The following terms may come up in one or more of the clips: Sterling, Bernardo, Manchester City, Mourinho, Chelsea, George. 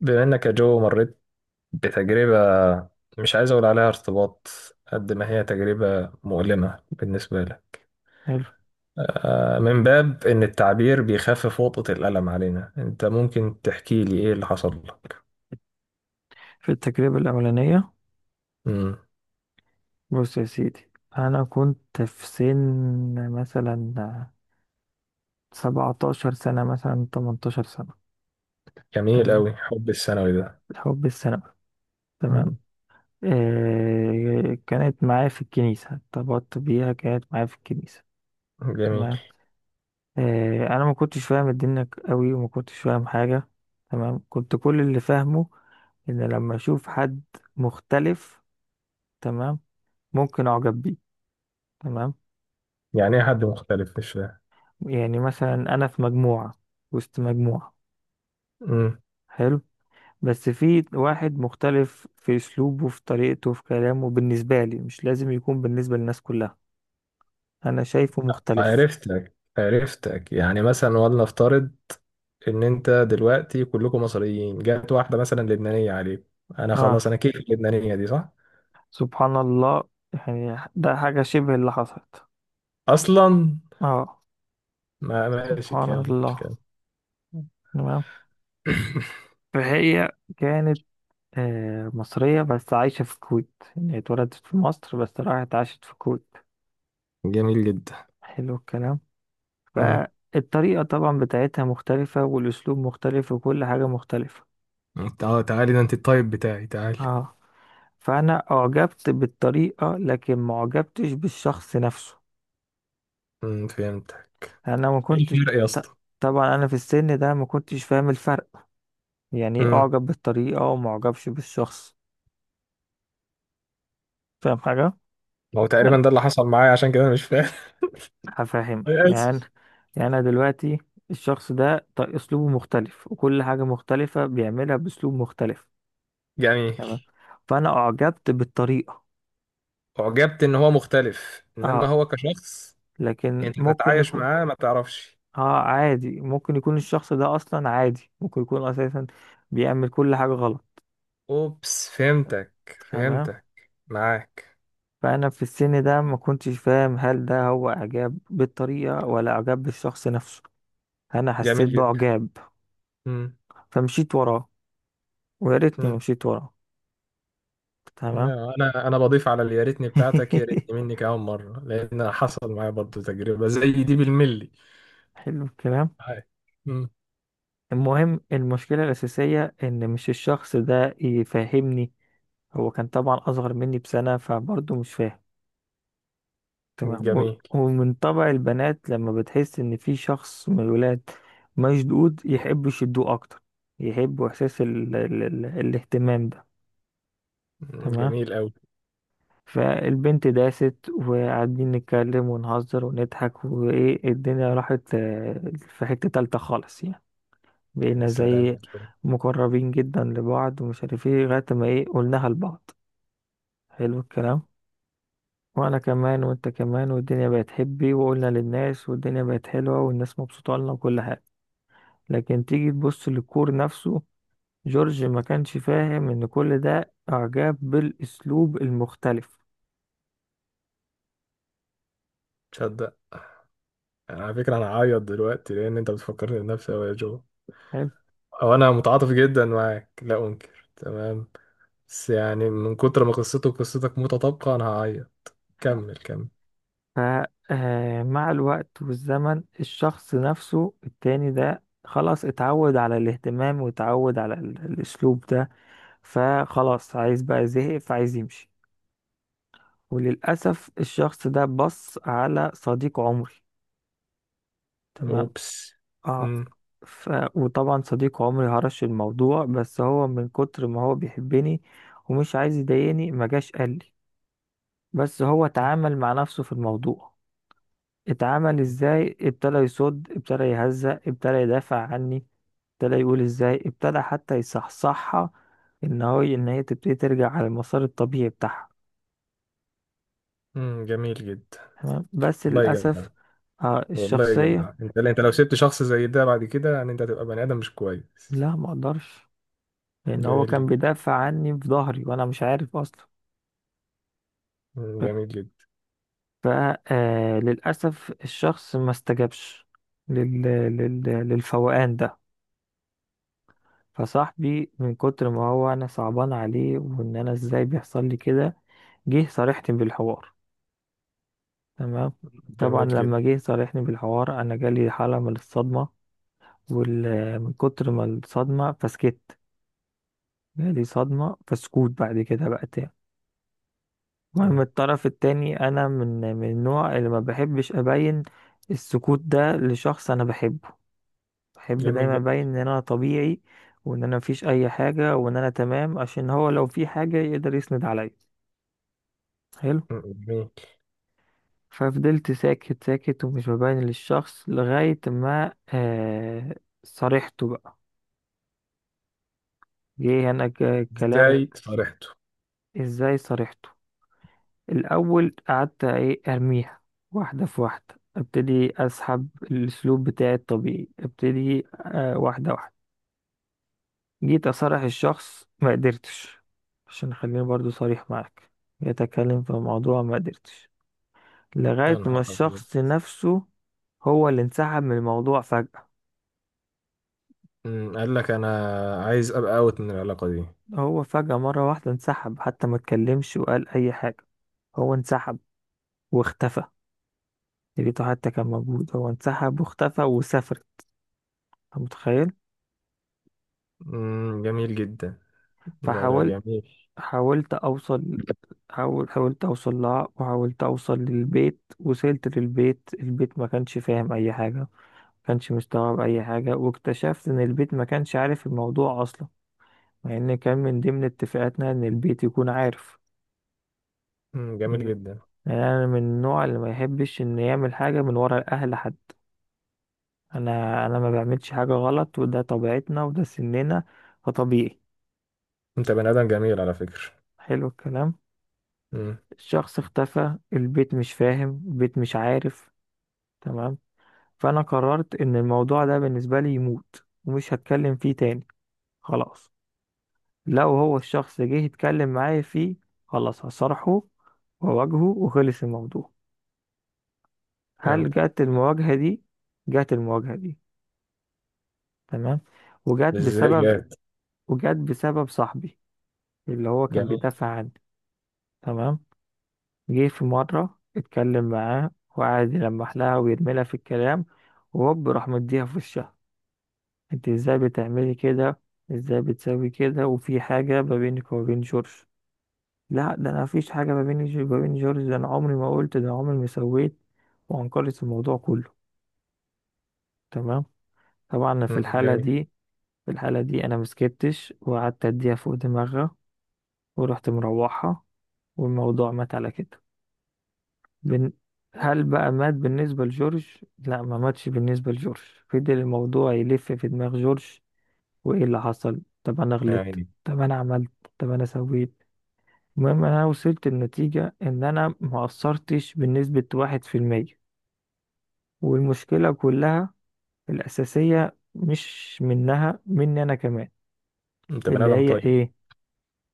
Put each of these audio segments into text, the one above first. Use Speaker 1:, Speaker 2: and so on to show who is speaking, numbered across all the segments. Speaker 1: بما انك يا جو مريت بتجربة، مش عايز اقول عليها ارتباط، قد ما هي تجربة مؤلمة بالنسبة لك.
Speaker 2: حلو.
Speaker 1: من باب ان التعبير بيخفف وطأة الألم علينا، انت ممكن تحكي لي ايه اللي حصل لك؟
Speaker 2: في التجربة الأولانية.
Speaker 1: مم.
Speaker 2: بص يا سيدي، أنا كنت في سن مثلا 17 سنة، مثلا 18 سنة.
Speaker 1: جميل
Speaker 2: تمام.
Speaker 1: قوي حب الثانوي ده.
Speaker 2: الحب السنة. تمام.
Speaker 1: مم.
Speaker 2: كانت معايا في الكنيسة، ارتبطت بيها، كانت معايا في الكنيسة.
Speaker 1: جميل.
Speaker 2: تمام. أنا ما كنتش فاهم الدنيا قوي وما كنتش فاهم حاجة. تمام، كنت كل اللي فاهمه إن لما أشوف حد مختلف، تمام، ممكن أعجب بيه. تمام.
Speaker 1: يعني ايه حد مختلف؟ مش فاهم.
Speaker 2: يعني مثلا انا في مجموعة، وسط مجموعة.
Speaker 1: مم.
Speaker 2: حلو. بس في واحد مختلف في اسلوبه، في طريقته، في كلامه، بالنسبة لي مش لازم يكون بالنسبة للناس كلها، انا شايفه مختلف.
Speaker 1: عرفتك عرفتك، يعني مثلا ولنفترض ان انت دلوقتي كلكم مصريين، جت واحدة مثلا لبنانية عليك، انا خلاص،
Speaker 2: اه،
Speaker 1: انا كيف اللبنانية دي، صح؟
Speaker 2: سبحان الله. يعني ده حاجة شبه اللي حصلت.
Speaker 1: اصلا؟
Speaker 2: اه.
Speaker 1: ما ماشي،
Speaker 2: سبحان
Speaker 1: كمل
Speaker 2: الله.
Speaker 1: كمل.
Speaker 2: تمام. فهي كانت مصرية بس عايشة في الكويت، يعني اتولدت في مصر بس راحت عاشت في الكويت.
Speaker 1: جميل جدا.
Speaker 2: حلو الكلام.
Speaker 1: امم
Speaker 2: فالطريقة طبعا بتاعتها مختلفة، والأسلوب مختلف، وكل حاجة مختلفة.
Speaker 1: انت، تعالي ده، انت الطيب بتاعي، تعالي.
Speaker 2: اه. فأنا أعجبت بالطريقة لكن ما أعجبتش بالشخص نفسه.
Speaker 1: فهمتك.
Speaker 2: أنا ما
Speaker 1: ايه
Speaker 2: كنتش
Speaker 1: الفرق يا اسطى؟
Speaker 2: طبعا أنا في السن ده ما كنتش فاهم الفرق. يعني إيه
Speaker 1: امم
Speaker 2: أعجب بالطريقة وما أعجبش بالشخص؟ فاهم حاجة؟
Speaker 1: هو تقريبا
Speaker 2: أنا
Speaker 1: ده اللي حصل معايا، عشان كده انا مش فاهم.
Speaker 2: هفهمك
Speaker 1: أنا
Speaker 2: يعني.
Speaker 1: اسف.
Speaker 2: يعني أنا دلوقتي الشخص ده أسلوبه مختلف، وكل حاجة مختلفة بيعملها بأسلوب مختلف.
Speaker 1: جميل.
Speaker 2: تمام. فأنا أعجبت بالطريقة.
Speaker 1: اعجبت ان هو مختلف، انما
Speaker 2: اه.
Speaker 1: هو كشخص
Speaker 2: لكن
Speaker 1: انت
Speaker 2: ممكن
Speaker 1: تتعايش
Speaker 2: يكون،
Speaker 1: معاه ما تعرفش.
Speaker 2: اه، عادي. ممكن يكون الشخص ده اصلا عادي، ممكن يكون اساسا بيعمل كل حاجة غلط.
Speaker 1: اوبس، فهمتك.
Speaker 2: تمام.
Speaker 1: فهمتك. معاك.
Speaker 2: فانا في السن ده ما كنتش فاهم هل ده هو اعجاب بالطريقة ولا اعجاب بالشخص نفسه. انا
Speaker 1: جميل
Speaker 2: حسيت
Speaker 1: جدا.
Speaker 2: باعجاب، فمشيت وراه، ويا ريتني ما
Speaker 1: امم
Speaker 2: مشيت وراه. تمام.
Speaker 1: لا، انا بضيف على اليا ريتني بتاعتك، يا ريتني مني كمان مره، لان حصل معايا برضه تجربه زي دي بالملي.
Speaker 2: حلو الكلام.
Speaker 1: هاي. مم.
Speaker 2: المهم، المشكلة الأساسية إن مش الشخص ده يفهمني، هو كان طبعا أصغر مني بسنة فبرضه مش فاهم. تمام.
Speaker 1: جميل.
Speaker 2: ومن طبع البنات لما بتحس ان في شخص من الولاد مشدود، يحبوا يشدوه اكتر، يحبوا احساس ال ال ال الاهتمام ده.
Speaker 1: مم.
Speaker 2: تمام.
Speaker 1: جميل قوي.
Speaker 2: فالبنت داست، وقاعدين نتكلم ونهزر ونضحك وايه، الدنيا راحت في حتة تالتة خالص، يعني
Speaker 1: يا
Speaker 2: بقينا
Speaker 1: سلام
Speaker 2: زي
Speaker 1: يا جو.
Speaker 2: مقربين جدا لبعض ومش عارف ايه، لغاية ما ايه قلناها لبعض. حلو الكلام. وانا كمان وانت كمان، والدنيا بقت حبي، وقلنا للناس، والدنيا بقت حلوة، والناس مبسوطة لنا وكل حاجة. لكن تيجي تبص للكور نفسه، جورج ما كانش فاهم ان كل ده اعجاب بالاسلوب المختلف.
Speaker 1: تصدق، على فكره انا هعيط دلوقتي لان انت بتفكرني بنفسي أوي يا جو.
Speaker 2: حلو.
Speaker 1: او انا متعاطف جدا معاك، لا انكر، تمام. بس يعني من كتر ما قصته وقصتك متطابقه انا هعيط. كمل كمل.
Speaker 2: ف مع الوقت والزمن، الشخص نفسه التاني ده خلاص اتعود على الاهتمام، واتعود على الاسلوب ده. فخلاص عايز بقى، زهق، فعايز يمشي. وللأسف الشخص ده بص على صديق عمري. تمام.
Speaker 1: اوبس.
Speaker 2: آه.
Speaker 1: مم.
Speaker 2: ف... وطبعا صديق عمري هرش الموضوع، بس هو من كتر ما هو بيحبني ومش عايز يضايقني ما جاش قال لي. بس هو اتعامل مع نفسه في الموضوع. اتعامل ازاي؟ ابتدى يصد، ابتدى يهزأ، ابتدى يدافع عني، ابتدى يقول ازاي، ابتدى حتى يصحصحها ان هو، ان هي تبتدي ترجع على المسار الطبيعي بتاعها.
Speaker 1: مم. جميل جدا.
Speaker 2: تمام. بس
Speaker 1: والله جميل.
Speaker 2: للاسف، آه
Speaker 1: والله يا جدع،
Speaker 2: الشخصيه،
Speaker 1: انت لو سبت شخص زي ده بعد كده يعني انت هتبقى بني ادم مش كويس.
Speaker 2: لا ما اقدرش، لان هو
Speaker 1: جميل
Speaker 2: كان
Speaker 1: جدا.
Speaker 2: بيدافع عني في ظهري وانا مش عارف اصلا.
Speaker 1: جميل جدا.
Speaker 2: فللأسف الشخص ما استجابش لل... للفوقان ده. فصاحبي من كتر ما هو أنا صعبان عليه، وإن أنا إزاي بيحصل لي كده، جه صارحني بالحوار. تمام. طبعا
Speaker 1: جميل جدا.
Speaker 2: لما جه صارحني بالحوار، أنا جالي حالة من الصدمة. وال... من كتر ما الصدمة فسكت. جالي صدمة فسكوت بعد كده بقى تاني. المهم
Speaker 1: مم،
Speaker 2: الطرف التاني، أنا من النوع اللي ما بحبش أبين السكوت ده لشخص أنا بحبه. بحب
Speaker 1: جميل
Speaker 2: دايما
Speaker 1: جدا.
Speaker 2: ابين ان انا طبيعي، وان انا مفيش اي حاجه، وان انا تمام، عشان هو لو في حاجه يقدر يسند عليا. حلو.
Speaker 1: مم، جميل.
Speaker 2: ففضلت ساكت ساكت ومش ببين للشخص، لغايه ما آه صارحته بقى، جه هنا الكلام.
Speaker 1: ازاي صارحته؟
Speaker 2: ازاي صارحته؟ الاول قعدت ايه، ارميها واحده في واحده، ابتدي اسحب الاسلوب بتاعي الطبيعي، ابتدي آه واحده واحده. جيت أصارح الشخص، ما قدرتش. عشان خليني برضو صريح معاك، يتكلم في موضوع ما قدرتش.
Speaker 1: يا
Speaker 2: لغاية ما
Speaker 1: نهار ابيض.
Speaker 2: الشخص نفسه هو اللي انسحب من الموضوع فجأة.
Speaker 1: قال لك انا عايز ابقى اوت من العلاقه دي؟
Speaker 2: هو فجأة مرة واحدة انسحب، حتى ما اتكلمش وقال أي حاجة. هو انسحب واختفى. لقيته حتى كان موجود، هو انسحب واختفى وسافر. أنت متخيل؟
Speaker 1: جميل جدا. لا لا،
Speaker 2: فحاولت،
Speaker 1: جميل.
Speaker 2: حاولت أوصل حاولت أوصل لها، وحاولت أوصل للبيت. وصلت للبيت، البيت ما كانش فاهم أي حاجة، كانش مستوعب اي حاجه. واكتشفت ان البيت ما كانش عارف الموضوع اصلا، مع ان كان من ضمن اتفاقاتنا ان البيت يكون عارف.
Speaker 1: جميل
Speaker 2: يعني
Speaker 1: جدا.
Speaker 2: انا من النوع اللي ما يحبش ان يعمل حاجه من ورا الاهل حد. انا ما بعملش حاجه غلط، وده طبيعتنا وده سننا، فطبيعي.
Speaker 1: انت بني ادم جميل على فكره.
Speaker 2: حلو الكلام.
Speaker 1: مم،
Speaker 2: الشخص اختفى، البيت مش فاهم، البيت مش عارف. تمام. فانا قررت ان الموضوع ده بالنسبه لي يموت، ومش هتكلم فيه تاني. خلاص. لو هو الشخص جه يتكلم معايا فيه، خلاص هصارحه وأواجهه وخلص الموضوع. هل
Speaker 1: فهمت.
Speaker 2: جت المواجهة دي؟ جت المواجهة دي. تمام. وجت
Speaker 1: ازاي
Speaker 2: بسبب
Speaker 1: جاد؟
Speaker 2: وجت بسبب صاحبي اللي هو كان
Speaker 1: جميل.
Speaker 2: بيدافع عني. تمام. جه في مرة اتكلم معاه، وقعد يلمح لها ويرمي لها في الكلام، وهوب راح مديها في وشها. انت ازاي بتعملي كده؟ ازاي بتسوي كده؟ وفي حاجة ما بينك وما بين جورج؟ لا، ده انا مفيش حاجه ما بيني وما بين جورج، ده انا عمري ما قلت، ده عمري ما سويت. وانكرت الموضوع كله. تمام. طبعا أنا في الحاله
Speaker 1: جميل.
Speaker 2: دي، انا مسكتش وقعدت اديها فوق دماغها، ورحت مروحها، والموضوع مات على كده. بن... هل بقى مات بالنسبه لجورج؟ لا، ما ماتش بالنسبه لجورج. فضل الموضوع يلف في دماغ جورج، وايه اللي حصل، طب انا
Speaker 1: يا
Speaker 2: غلطت،
Speaker 1: عيني.
Speaker 2: طب انا عملت، طب انا سويت. المهم انا وصلت لنتيجة ان انا ما قصرتش بنسبة 1%، والمشكلة كلها الاساسية مش منها، مني انا كمان.
Speaker 1: انت بني
Speaker 2: اللي
Speaker 1: ادم
Speaker 2: هي
Speaker 1: طيب.
Speaker 2: ايه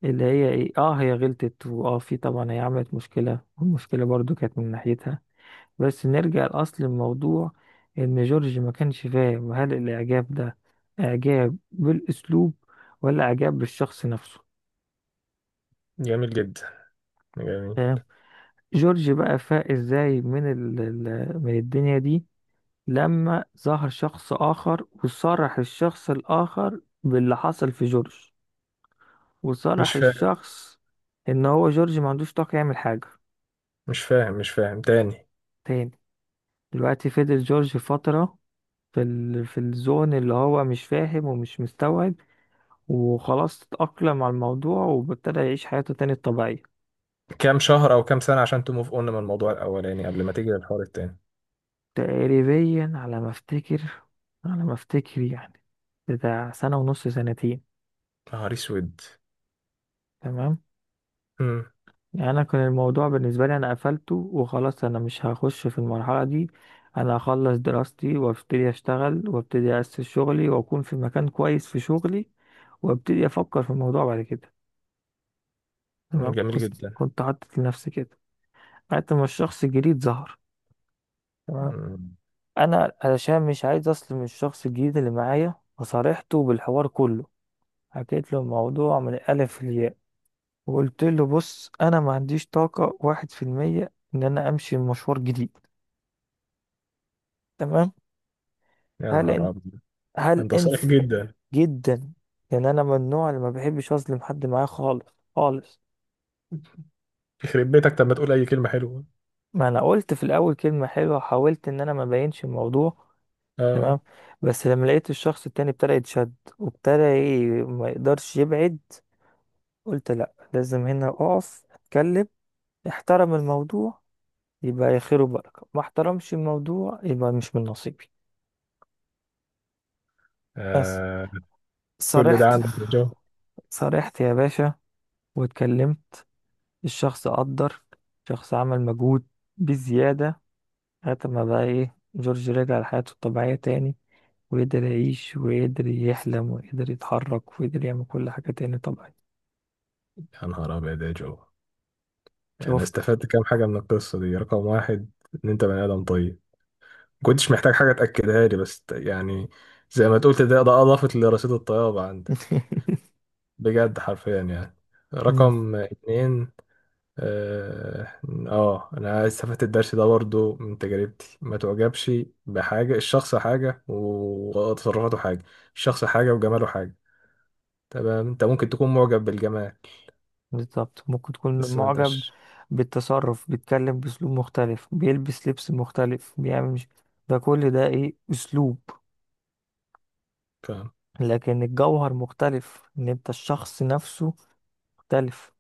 Speaker 2: اللي هي ايه؟ اه، هي غلطت، واه في طبعا هي عملت مشكلة، والمشكلة برضو كانت من ناحيتها. بس نرجع لاصل الموضوع، ان جورج ما كانش فاهم هل الاعجاب ده اعجاب بالاسلوب ولا اعجاب بالشخص نفسه.
Speaker 1: جميل جدا. جميل.
Speaker 2: فاهم؟ جورج بقى فاق ازاي من من الدنيا دي؟ لما ظهر شخص آخر، وصرح الشخص الآخر باللي حصل في جورج،
Speaker 1: مش
Speaker 2: وصرح
Speaker 1: فاهم.
Speaker 2: الشخص إن هو جورج ما عندوش طاقة يعمل حاجة
Speaker 1: مش فاهم مش فاهم تاني.
Speaker 2: تاني. دلوقتي فضل جورج فترة في في الزون اللي هو مش فاهم ومش مستوعب، وخلاص اتأقلم على الموضوع وابتدى يعيش حياته تاني الطبيعية.
Speaker 1: كام شهر او كام سنه عشان تموف اون من الموضوع الاولاني قبل ما تيجي للحوار التاني؟
Speaker 2: تقريبا على ما افتكر، على ما افتكر يعني، بتاع سنة ونص، سنتين.
Speaker 1: نهار اسود.
Speaker 2: تمام.
Speaker 1: مم.
Speaker 2: يعني انا كان الموضوع بالنسبه لي انا قفلته وخلاص، انا مش هخش في المرحله دي، انا هخلص دراستي وابتدي اشتغل وابتدي اسس شغلي واكون في مكان كويس في شغلي، وابتدي افكر في الموضوع بعد كده. تمام.
Speaker 1: جميل
Speaker 2: كنت
Speaker 1: جدا.
Speaker 2: كنت حاطط لنفسي كده، لغايه ما الشخص الجديد ظهر. تمام.
Speaker 1: مم.
Speaker 2: انا علشان مش عايز اظلم الشخص الجديد اللي معايا، فصارحته بالحوار كله، حكيت له الموضوع من الالف للياء. وقلت له بص، انا ما عنديش طاقه 1% ان انا امشي مشوار جديد. تمام.
Speaker 1: يا
Speaker 2: هل
Speaker 1: نهار
Speaker 2: انت
Speaker 1: ابيض.
Speaker 2: هل
Speaker 1: انت
Speaker 2: انت
Speaker 1: صريح جدا.
Speaker 2: جدا. يعني انا من النوع اللي ما بحبش اظلم حد معايا خالص، خالص.
Speaker 1: يخرب بيتك، طب ما تقول اي كلمه حلوه.
Speaker 2: ما انا قلت في الاول كلمه حلوه، وحاولت ان انا ما بينش الموضوع.
Speaker 1: اه.
Speaker 2: تمام. بس لما لقيت الشخص التاني ابتدى يتشد، وابتدى ما يقدرش يبعد، قلت لا، لازم هنا اقف اتكلم، احترم الموضوع يبقى يا خير وبركه، ما احترمش الموضوع يبقى مش من نصيبي. بس
Speaker 1: آه، كل ده
Speaker 2: صرحت،
Speaker 1: عندك يا جو؟
Speaker 2: يا باشا، واتكلمت. الشخص قدر، شخص عمل مجهود بزيادة، لغاية ما بقى إيه، جورج رجع لحياته الطبيعية تاني، وقدر يعيش وقدر يحلم وقدر يتحرك وقدر يعمل كل حاجة تاني طبيعي.
Speaker 1: يا نهار ابيض يا جو. يعني انا
Speaker 2: شفت.
Speaker 1: استفدت كام حاجه من القصه دي. رقم واحد، ان انت بني ادم طيب، ما كنتش محتاج حاجه تاكدها لي، بس يعني زي ما تقول، ده اضافت لرصيد الطيابه عندك، بجد حرفيا يعني.
Speaker 2: مم.
Speaker 1: رقم اتنين، اه، انا استفدت الدرس ده برضو من تجربتي. ما تعجبش بحاجة، الشخص حاجة وتصرفاته حاجة، الشخص حاجة وجماله حاجة. تمام. انت ممكن تكون معجب بالجمال،
Speaker 2: بالظبط ممكن تكون
Speaker 1: بس ما
Speaker 2: معجب
Speaker 1: انتش
Speaker 2: بالتصرف، بيتكلم بأسلوب مختلف، بيلبس لبس مختلف، بيعمل مش، ده كل ده إيه؟ أسلوب.
Speaker 1: فاهم.
Speaker 2: لكن الجوهر مختلف، إن أنت الشخص نفسه مختلف.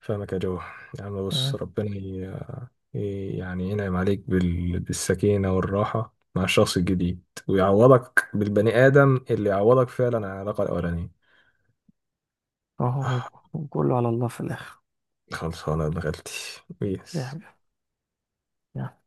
Speaker 1: فاهمك يا جو. يعني بص،
Speaker 2: تمام؟
Speaker 1: ربنا يعني ينعم عليك بالسكينة والراحة مع الشخص الجديد، ويعوضك بالبني آدم اللي يعوضك فعلا عن العلاقة الأولانية.
Speaker 2: أهو.
Speaker 1: آه،
Speaker 2: كله على الله في الآخر.
Speaker 1: خلصانة يا ابن غلتي. بيس.
Speaker 2: ريحة. يلا.